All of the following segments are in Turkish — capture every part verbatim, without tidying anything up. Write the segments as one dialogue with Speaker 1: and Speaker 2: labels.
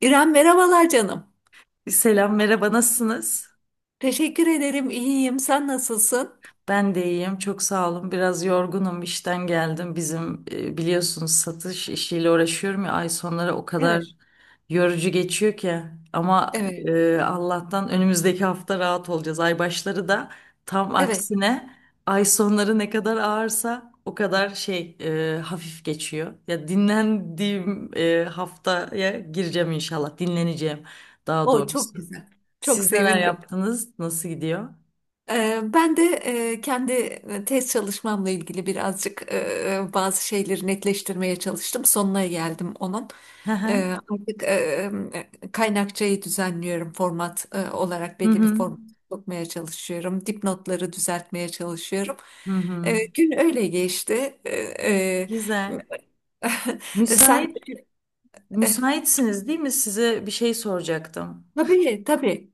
Speaker 1: İrem merhabalar canım.
Speaker 2: Selam, merhaba, nasılsınız?
Speaker 1: Teşekkür ederim. İyiyim. Sen nasılsın?
Speaker 2: Ben de iyiyim, çok sağ olun. Biraz yorgunum, işten geldim. Bizim e, biliyorsunuz satış işiyle uğraşıyorum ya, ay sonları o kadar
Speaker 1: Evet,
Speaker 2: yorucu geçiyor ki. Ama
Speaker 1: evet.
Speaker 2: e, Allah'tan önümüzdeki hafta rahat olacağız. Ay başları da tam
Speaker 1: Evet.
Speaker 2: aksine ay sonları ne kadar ağırsa o kadar şey e, hafif geçiyor. Ya dinlendiğim e, haftaya gireceğim inşallah, dinleneceğim daha
Speaker 1: O çok
Speaker 2: doğrusu.
Speaker 1: güzel. Çok
Speaker 2: Siz neler
Speaker 1: sevindim.
Speaker 2: yaptınız? Nasıl gidiyor?
Speaker 1: Ee, ben de e, kendi e, tez çalışmamla ilgili birazcık e, e, bazı şeyleri netleştirmeye çalıştım. Sonuna geldim onun.
Speaker 2: Hı
Speaker 1: Ee,
Speaker 2: hı.
Speaker 1: artık e, e, kaynakçayı düzenliyorum. Format e, olarak
Speaker 2: Hı
Speaker 1: belli bir
Speaker 2: hı.
Speaker 1: format sokmaya çalışıyorum. Dipnotları düzeltmeye çalışıyorum.
Speaker 2: Hı hı.
Speaker 1: Ee, gün öyle geçti. Ee,
Speaker 2: Güzel.
Speaker 1: e, Sen
Speaker 2: Müsait
Speaker 1: e,
Speaker 2: müsaitsiniz değil mi? Size bir şey soracaktım.
Speaker 1: tabii tabii.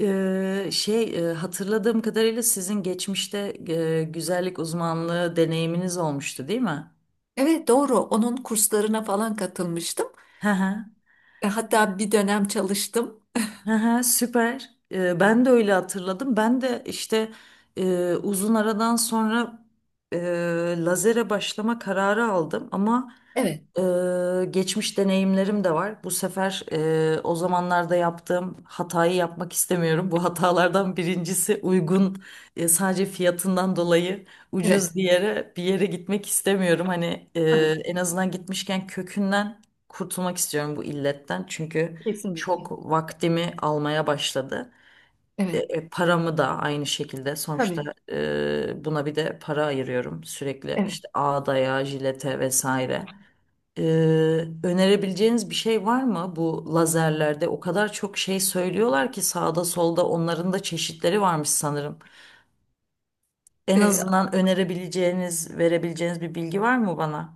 Speaker 2: Ee, şey, e, hatırladığım kadarıyla sizin geçmişte e, güzellik uzmanlığı deneyiminiz olmuştu değil mi?
Speaker 1: Evet doğru. Onun kurslarına falan katılmıştım.
Speaker 2: Hı hı.
Speaker 1: E, hatta bir dönem çalıştım.
Speaker 2: Hı hı, süper. Ee, ben de öyle hatırladım. Ben de işte e, uzun aradan sonra e, lazere başlama kararı aldım. Ama
Speaker 1: Evet,
Speaker 2: Ee, geçmiş deneyimlerim de var. Bu sefer e, o zamanlarda yaptığım hatayı yapmak istemiyorum. Bu hatalardan birincisi, uygun, e, sadece fiyatından dolayı
Speaker 1: evet.
Speaker 2: ucuz bir yere bir yere gitmek istemiyorum. Hani, e,
Speaker 1: Tabii,
Speaker 2: en azından gitmişken kökünden kurtulmak istiyorum bu illetten. Çünkü
Speaker 1: kesinlikle.
Speaker 2: çok vaktimi almaya başladı. E,
Speaker 1: Evet,
Speaker 2: e, paramı da aynı şekilde sonuçta,
Speaker 1: tabii.
Speaker 2: e, buna bir de para ayırıyorum sürekli,
Speaker 1: Evet.
Speaker 2: işte ağdaya, jilete vesaire. Ee, önerebileceğiniz bir şey var mı bu lazerlerde? O kadar çok şey söylüyorlar ki sağda solda, onların da çeşitleri varmış sanırım. En
Speaker 1: E,
Speaker 2: azından önerebileceğiniz, verebileceğiniz bir bilgi var mı bana?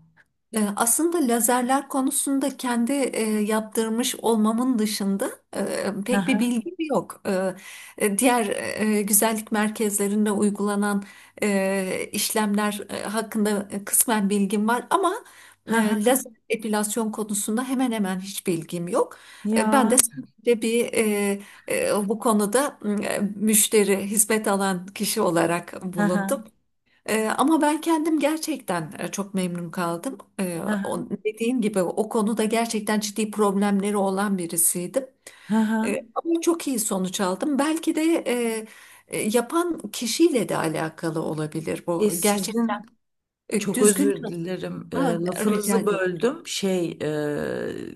Speaker 1: E, Aslında lazerler konusunda kendi e, yaptırmış olmamın dışında e,
Speaker 2: Hı
Speaker 1: pek bir
Speaker 2: hı.
Speaker 1: bilgim yok. E, e, diğer e, güzellik merkezlerinde uygulanan e, işlemler e, hakkında e, kısmen bilgim var ama
Speaker 2: Hı
Speaker 1: e,
Speaker 2: hı.
Speaker 1: lazer epilasyon konusunda hemen hemen hiç bilgim yok. E, ben de
Speaker 2: Ya.
Speaker 1: sadece bir e, e, bu konuda e, müşteri, hizmet alan kişi olarak
Speaker 2: Hı hı.
Speaker 1: bulundum. Ee, ama ben kendim gerçekten e, çok memnun kaldım. Ee,
Speaker 2: Hı hı.
Speaker 1: o- dediğim gibi o konuda gerçekten ciddi problemleri olan birisiydim.
Speaker 2: Hı hı.
Speaker 1: Ee, ama çok iyi sonuç aldım. Belki de e, e, yapan kişiyle de alakalı olabilir bu.
Speaker 2: E
Speaker 1: Gerçekten
Speaker 2: sizin
Speaker 1: e,
Speaker 2: Çok
Speaker 1: düzgün
Speaker 2: özür dilerim. E,
Speaker 1: çalışma. Rica
Speaker 2: lafınızı
Speaker 1: ederim.
Speaker 2: böldüm. Şey, e,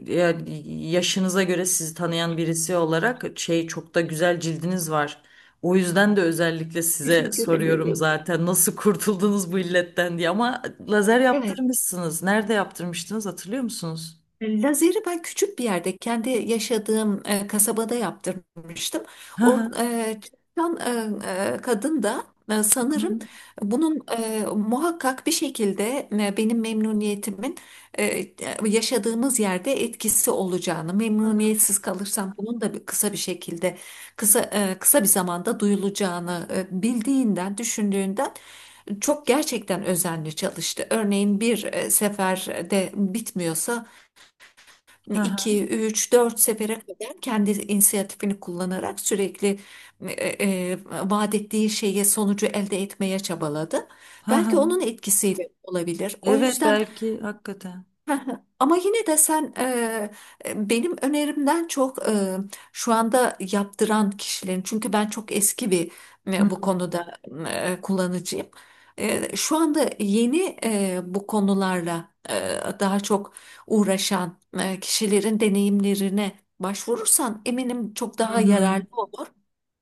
Speaker 2: yani yaşınıza göre sizi tanıyan birisi olarak, şey, çok da güzel cildiniz var. O yüzden de özellikle size
Speaker 1: Teşekkür
Speaker 2: soruyorum
Speaker 1: ederim.
Speaker 2: zaten, nasıl kurtuldunuz bu illetten diye. Ama lazer
Speaker 1: Evet.
Speaker 2: yaptırmışsınız. Nerede yaptırmıştınız, hatırlıyor musunuz?
Speaker 1: Lazeri ben küçük bir yerde kendi yaşadığım e, kasabada yaptırmıştım.
Speaker 2: Hı
Speaker 1: Or,
Speaker 2: hı.
Speaker 1: e, Çalışan e, e, kadın da e,
Speaker 2: Hı
Speaker 1: sanırım
Speaker 2: hı.
Speaker 1: bunun e, muhakkak bir şekilde e, benim memnuniyetimin e, e, yaşadığımız yerde etkisi olacağını, memnuniyetsiz kalırsam bunun da bir- kısa bir şekilde kısa e, kısa bir zamanda duyulacağını e, bildiğinden, düşündüğünden çok gerçekten özenli çalıştı. Örneğin bir e, seferde bitmiyorsa
Speaker 2: Hı hı.
Speaker 1: iki üç dört sefere kadar kendi inisiyatifini kullanarak sürekli e, e, e, vaat ettiği şeye sonucu elde etmeye çabaladı.
Speaker 2: Hı
Speaker 1: Belki onun
Speaker 2: hı.
Speaker 1: etkisiyle olabilir. O
Speaker 2: Evet,
Speaker 1: yüzden.
Speaker 2: belki hakikaten.
Speaker 1: Heh, Ama yine de sen e, e, benim önerimden çok e, şu anda yaptıran kişilerin, çünkü ben çok eski bir
Speaker 2: Hı
Speaker 1: e, bu
Speaker 2: hı.
Speaker 1: konuda e, kullanıcıyım. E, şu anda yeni e, bu konularla e, daha çok uğraşan e, kişilerin deneyimlerine başvurursan eminim çok
Speaker 2: Hı
Speaker 1: daha
Speaker 2: hı.
Speaker 1: yararlı olur.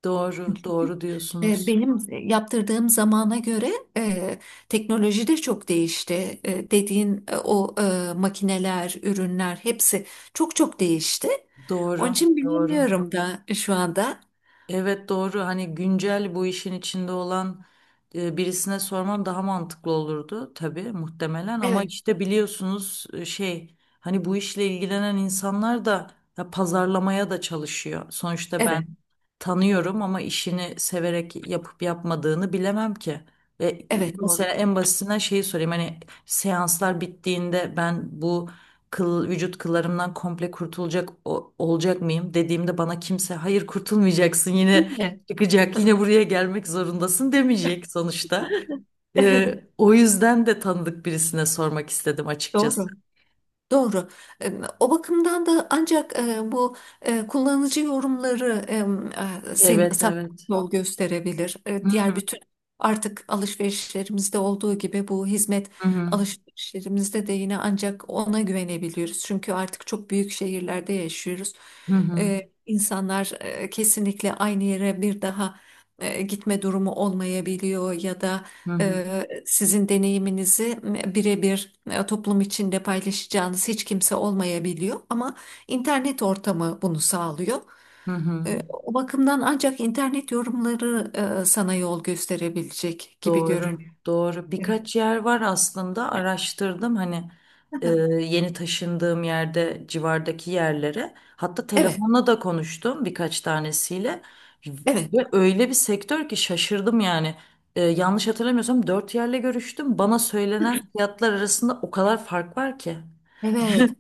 Speaker 2: Doğru, doğru
Speaker 1: E,
Speaker 2: diyorsunuz.
Speaker 1: Benim yaptırdığım zamana göre e, teknoloji de çok değişti. E, dediğin e, o e, makineler, ürünler hepsi çok çok değişti. Onun
Speaker 2: Doğru,
Speaker 1: için
Speaker 2: doğru.
Speaker 1: bilemiyorum da şu anda.
Speaker 2: Evet doğru, hani güncel bu işin içinde olan e, birisine sorman daha mantıklı olurdu tabii muhtemelen, ama
Speaker 1: Evet,
Speaker 2: işte biliyorsunuz, e, şey, hani bu işle ilgilenen insanlar da ya, pazarlamaya da çalışıyor. Sonuçta
Speaker 1: evet,
Speaker 2: ben tanıyorum ama işini severek yapıp yapmadığını bilemem ki. E, e,
Speaker 1: evet,
Speaker 2: mesela
Speaker 1: doğru.
Speaker 2: en basitinden şeyi sorayım, hani seanslar bittiğinde ben bu kıl, vücut kıllarımdan komple kurtulacak o- olacak mıyım dediğimde bana kimse hayır kurtulmayacaksın,
Speaker 1: Değil
Speaker 2: yine
Speaker 1: mi?
Speaker 2: çıkacak, yine buraya gelmek zorundasın demeyecek sonuçta.
Speaker 1: Evet,
Speaker 2: Ee, o yüzden de tanıdık birisine sormak istedim açıkçası.
Speaker 1: doğru. Doğru. Em, O bakımdan da ancak e, bu e, kullanıcı yorumları em, e, sen,
Speaker 2: Evet,
Speaker 1: sana
Speaker 2: evet.
Speaker 1: yol gösterebilir. E,
Speaker 2: Hı
Speaker 1: Diğer bütün artık alışverişlerimizde olduğu gibi bu hizmet
Speaker 2: hı hı
Speaker 1: alışverişlerimizde de yine ancak ona güvenebiliyoruz. Çünkü artık çok büyük şehirlerde yaşıyoruz.
Speaker 2: hı
Speaker 1: E, İnsanlar e, kesinlikle aynı yere bir daha e, gitme durumu olmayabiliyor ya da
Speaker 2: hı hı.
Speaker 1: Eee, sizin deneyiminizi birebir e, toplum içinde paylaşacağınız hiç kimse olmayabiliyor ama internet ortamı bunu sağlıyor.
Speaker 2: hı hı.
Speaker 1: Eee, O bakımdan ancak internet yorumları e, sana yol gösterebilecek gibi
Speaker 2: Doğru,
Speaker 1: görünüyor.
Speaker 2: doğru.
Speaker 1: Evet.
Speaker 2: Birkaç yer var aslında, araştırdım hani e, yeni taşındığım yerde civardaki yerlere. Hatta
Speaker 1: Evet.
Speaker 2: telefonla da konuştum birkaç tanesiyle
Speaker 1: Evet.
Speaker 2: ve öyle bir sektör ki, şaşırdım yani. E, yanlış hatırlamıyorsam dört yerle görüştüm. Bana söylenen fiyatlar arasında o kadar fark var ki.
Speaker 1: Evet.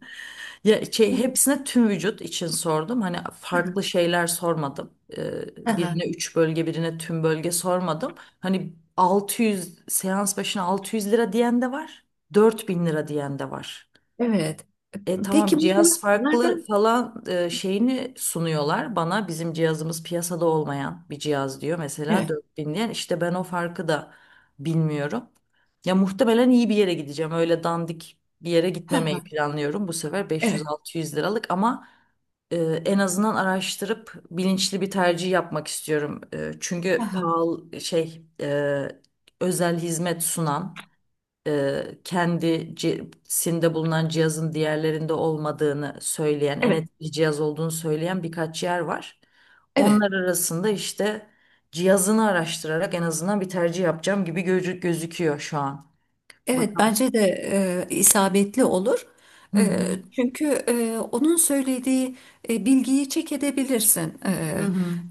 Speaker 2: Ya şey, hepsine tüm vücut için sordum. Hani farklı şeyler sormadım. Ee,
Speaker 1: Aha,
Speaker 2: birine üç bölge, birine tüm bölge sormadım. Hani altı yüz seans başına altı yüz lira diyen de var, dört bin lira diyen de var.
Speaker 1: Evet.
Speaker 2: E tamam,
Speaker 1: Peki bunlar
Speaker 2: cihaz farklı
Speaker 1: nereden?
Speaker 2: falan e, şeyini sunuyorlar bana, bizim cihazımız piyasada olmayan bir cihaz diyor mesela
Speaker 1: Evet.
Speaker 2: dört bin diyen, işte ben o farkı da bilmiyorum. Ya muhtemelen iyi bir yere gideceğim, öyle dandik bir yere
Speaker 1: Aha,
Speaker 2: gitmemeyi planlıyorum bu sefer,
Speaker 1: Evet.
Speaker 2: beş yüz altı yüz liralık ama e, en azından araştırıp bilinçli bir tercih yapmak istiyorum. E, çünkü
Speaker 1: Aha,
Speaker 2: pahalı, şey, e, özel hizmet sunan, e, kendisinde bulunan cihazın diğerlerinde olmadığını söyleyen, en
Speaker 1: Evet.
Speaker 2: etkili cihaz olduğunu söyleyen birkaç yer var.
Speaker 1: Evet.
Speaker 2: Onlar arasında işte cihazını araştırarak en azından bir tercih yapacağım gibi gözü- gözüküyor şu an.
Speaker 1: Evet
Speaker 2: Bakalım.
Speaker 1: bence de e, isabetli olur.
Speaker 2: Hı
Speaker 1: E,
Speaker 2: hı.
Speaker 1: Çünkü e, onun söylediği e, bilgiyi çek edebilirsin. E,
Speaker 2: Hı hı.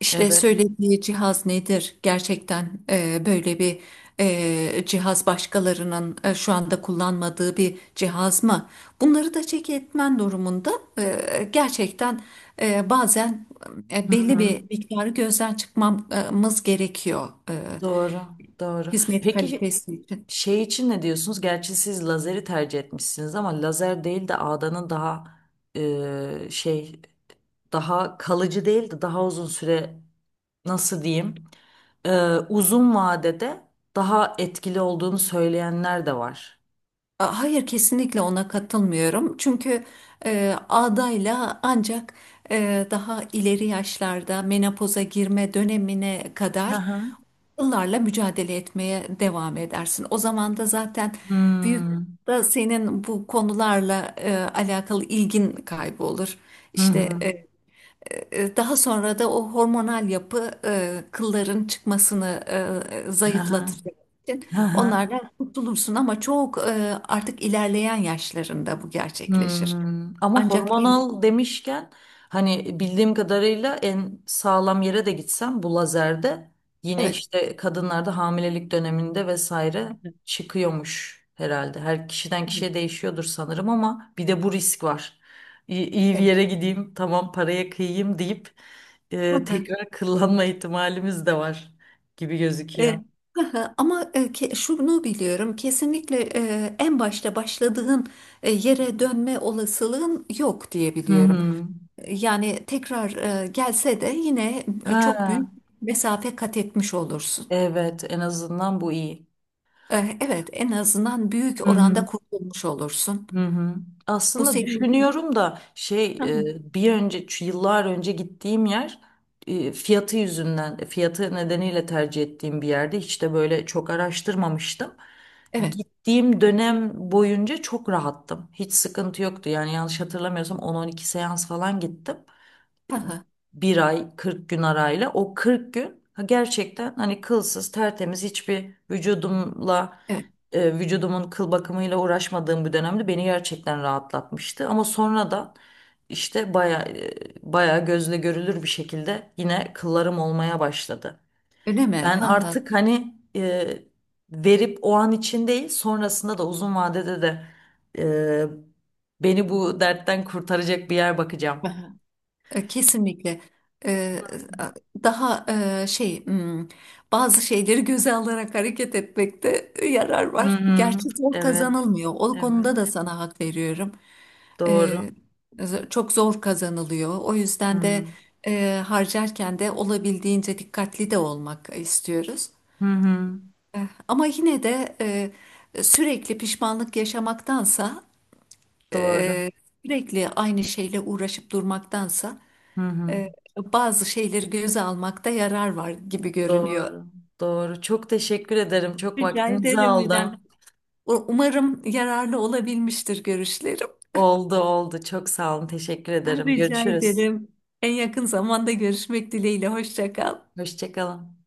Speaker 1: işte
Speaker 2: Evet.
Speaker 1: söylediği cihaz nedir? Gerçekten e, böyle bir e, cihaz başkalarının e, şu anda kullanmadığı bir cihaz mı? Bunları da çek etmen durumunda e, gerçekten e, bazen e,
Speaker 2: Hı
Speaker 1: belli
Speaker 2: hı.
Speaker 1: bir miktarı gözden çıkmamız gerekiyor e,
Speaker 2: Doğru. Doğru.
Speaker 1: hizmet
Speaker 2: Peki
Speaker 1: kalitesi için.
Speaker 2: şey için ne diyorsunuz? Gerçi siz lazeri tercih etmişsiniz, ama lazer değil de ağdanın daha e, şey, daha kalıcı değil de daha uzun süre, nasıl diyeyim, e, uzun vadede daha etkili olduğunu söyleyenler de var.
Speaker 1: A- Hayır, kesinlikle ona katılmıyorum. Çünkü e, adayla ancak e, daha ileri yaşlarda menopoza girme dönemine
Speaker 2: Hı
Speaker 1: kadar
Speaker 2: hı.
Speaker 1: yıllarla mücadele etmeye devam edersin. O zaman da zaten büyük
Speaker 2: Hmm.
Speaker 1: da senin bu konularla e, alakalı ilgin kaybolur.
Speaker 2: Hı
Speaker 1: İşte
Speaker 2: hı.
Speaker 1: e, e, Daha sonra da o hormonal yapı e, kılların çıkmasını e,
Speaker 2: Hı hı.
Speaker 1: zayıflatacak için
Speaker 2: Hı hı.
Speaker 1: onlardan kurtulursun ama çok e, artık ilerleyen yaşlarında bu gerçekleşir.
Speaker 2: Hmm, ama
Speaker 1: Ancak il
Speaker 2: hormonal demişken, hani bildiğim kadarıyla en sağlam yere de gitsem bu lazerde yine
Speaker 1: Evet,
Speaker 2: işte kadınlarda hamilelik döneminde vesaire çıkıyormuş herhalde. Her kişiden
Speaker 1: evet,
Speaker 2: kişiye değişiyordur sanırım, ama bir de bu risk var. İyi, iyi bir
Speaker 1: evet.
Speaker 2: yere gideyim, tamam paraya kıyayım deyip e, tekrar kullanma ihtimalimiz de var gibi gözüküyor.
Speaker 1: E, Ama e, ke- şunu biliyorum, kesinlikle e, en başta başladığın e, yere dönme olasılığın yok diye
Speaker 2: Hı
Speaker 1: biliyorum.
Speaker 2: hı.
Speaker 1: E, Yani tekrar e, gelse de yine e, çok
Speaker 2: Ha
Speaker 1: büyük mesafe kat etmiş olursun.
Speaker 2: evet, en azından bu iyi.
Speaker 1: Eh, Evet, en azından büyük
Speaker 2: Hı
Speaker 1: oranda
Speaker 2: hı.
Speaker 1: kurtulmuş olursun.
Speaker 2: Hı hı.
Speaker 1: Bu
Speaker 2: Aslında
Speaker 1: senin...
Speaker 2: düşünüyorum da şey,
Speaker 1: Hı hı.
Speaker 2: e, bir önce şu yıllar önce gittiğim yer, e, fiyatı yüzünden, e, fiyatı nedeniyle tercih ettiğim bir yerde hiç de böyle çok araştırmamıştım.
Speaker 1: Evet,
Speaker 2: Gittiğim dönem boyunca çok rahattım. Hiç sıkıntı yoktu. Yani yanlış hatırlamıyorsam on on iki seans falan gittim,
Speaker 1: hı hı.
Speaker 2: bir ay kırk gün arayla. O kırk gün, ha, gerçekten hani kılsız, tertemiz, hiçbir vücudumla,
Speaker 1: Evet,
Speaker 2: e, vücudumun kıl bakımıyla uğraşmadığım bir dönemde beni gerçekten rahatlatmıştı. Ama sonradan işte baya e, baya gözle görülür bir şekilde yine kıllarım olmaya başladı.
Speaker 1: öyle mi?
Speaker 2: Ben
Speaker 1: Hı hı.
Speaker 2: artık, hani, e, verip o an için değil, sonrasında da uzun vadede de e, beni bu dertten kurtaracak bir yer bakacağım.
Speaker 1: Hı hı. Eh, Kesinlikle. Eh, Daha eh, şey, hmm, bazı şeyleri göze alarak hareket etmekte e, yarar
Speaker 2: Hı
Speaker 1: var.
Speaker 2: hı.
Speaker 1: Gerçi zor
Speaker 2: Evet.
Speaker 1: kazanılmıyor. O konuda
Speaker 2: Evet.
Speaker 1: da sana hak veriyorum.
Speaker 2: Doğru.
Speaker 1: Eh, z- Çok zor kazanılıyor. O yüzden de
Speaker 2: Hı
Speaker 1: eh, harcarken de olabildiğince dikkatli de olmak istiyoruz.
Speaker 2: hı. hı.
Speaker 1: Ama yine de e, sürekli pişmanlık yaşamaktansa,
Speaker 2: Doğru.
Speaker 1: e, sürekli aynı şeyle uğraşıp durmaktansa
Speaker 2: Hı hı.
Speaker 1: e, bazı şeyleri göze almakta yarar var gibi görünüyor.
Speaker 2: Doğru. Doğru. Çok teşekkür ederim. Çok
Speaker 1: Rica
Speaker 2: vaktinizi
Speaker 1: ederim, İrem.
Speaker 2: aldım.
Speaker 1: U- Umarım yararlı olabilmiştir görüşlerim.
Speaker 2: Oldu oldu. Çok sağ olun. Teşekkür ederim.
Speaker 1: Rica
Speaker 2: Görüşürüz.
Speaker 1: ederim. En yakın zamanda görüşmek dileğiyle. Hoşça kal.
Speaker 2: Hoşça kalın.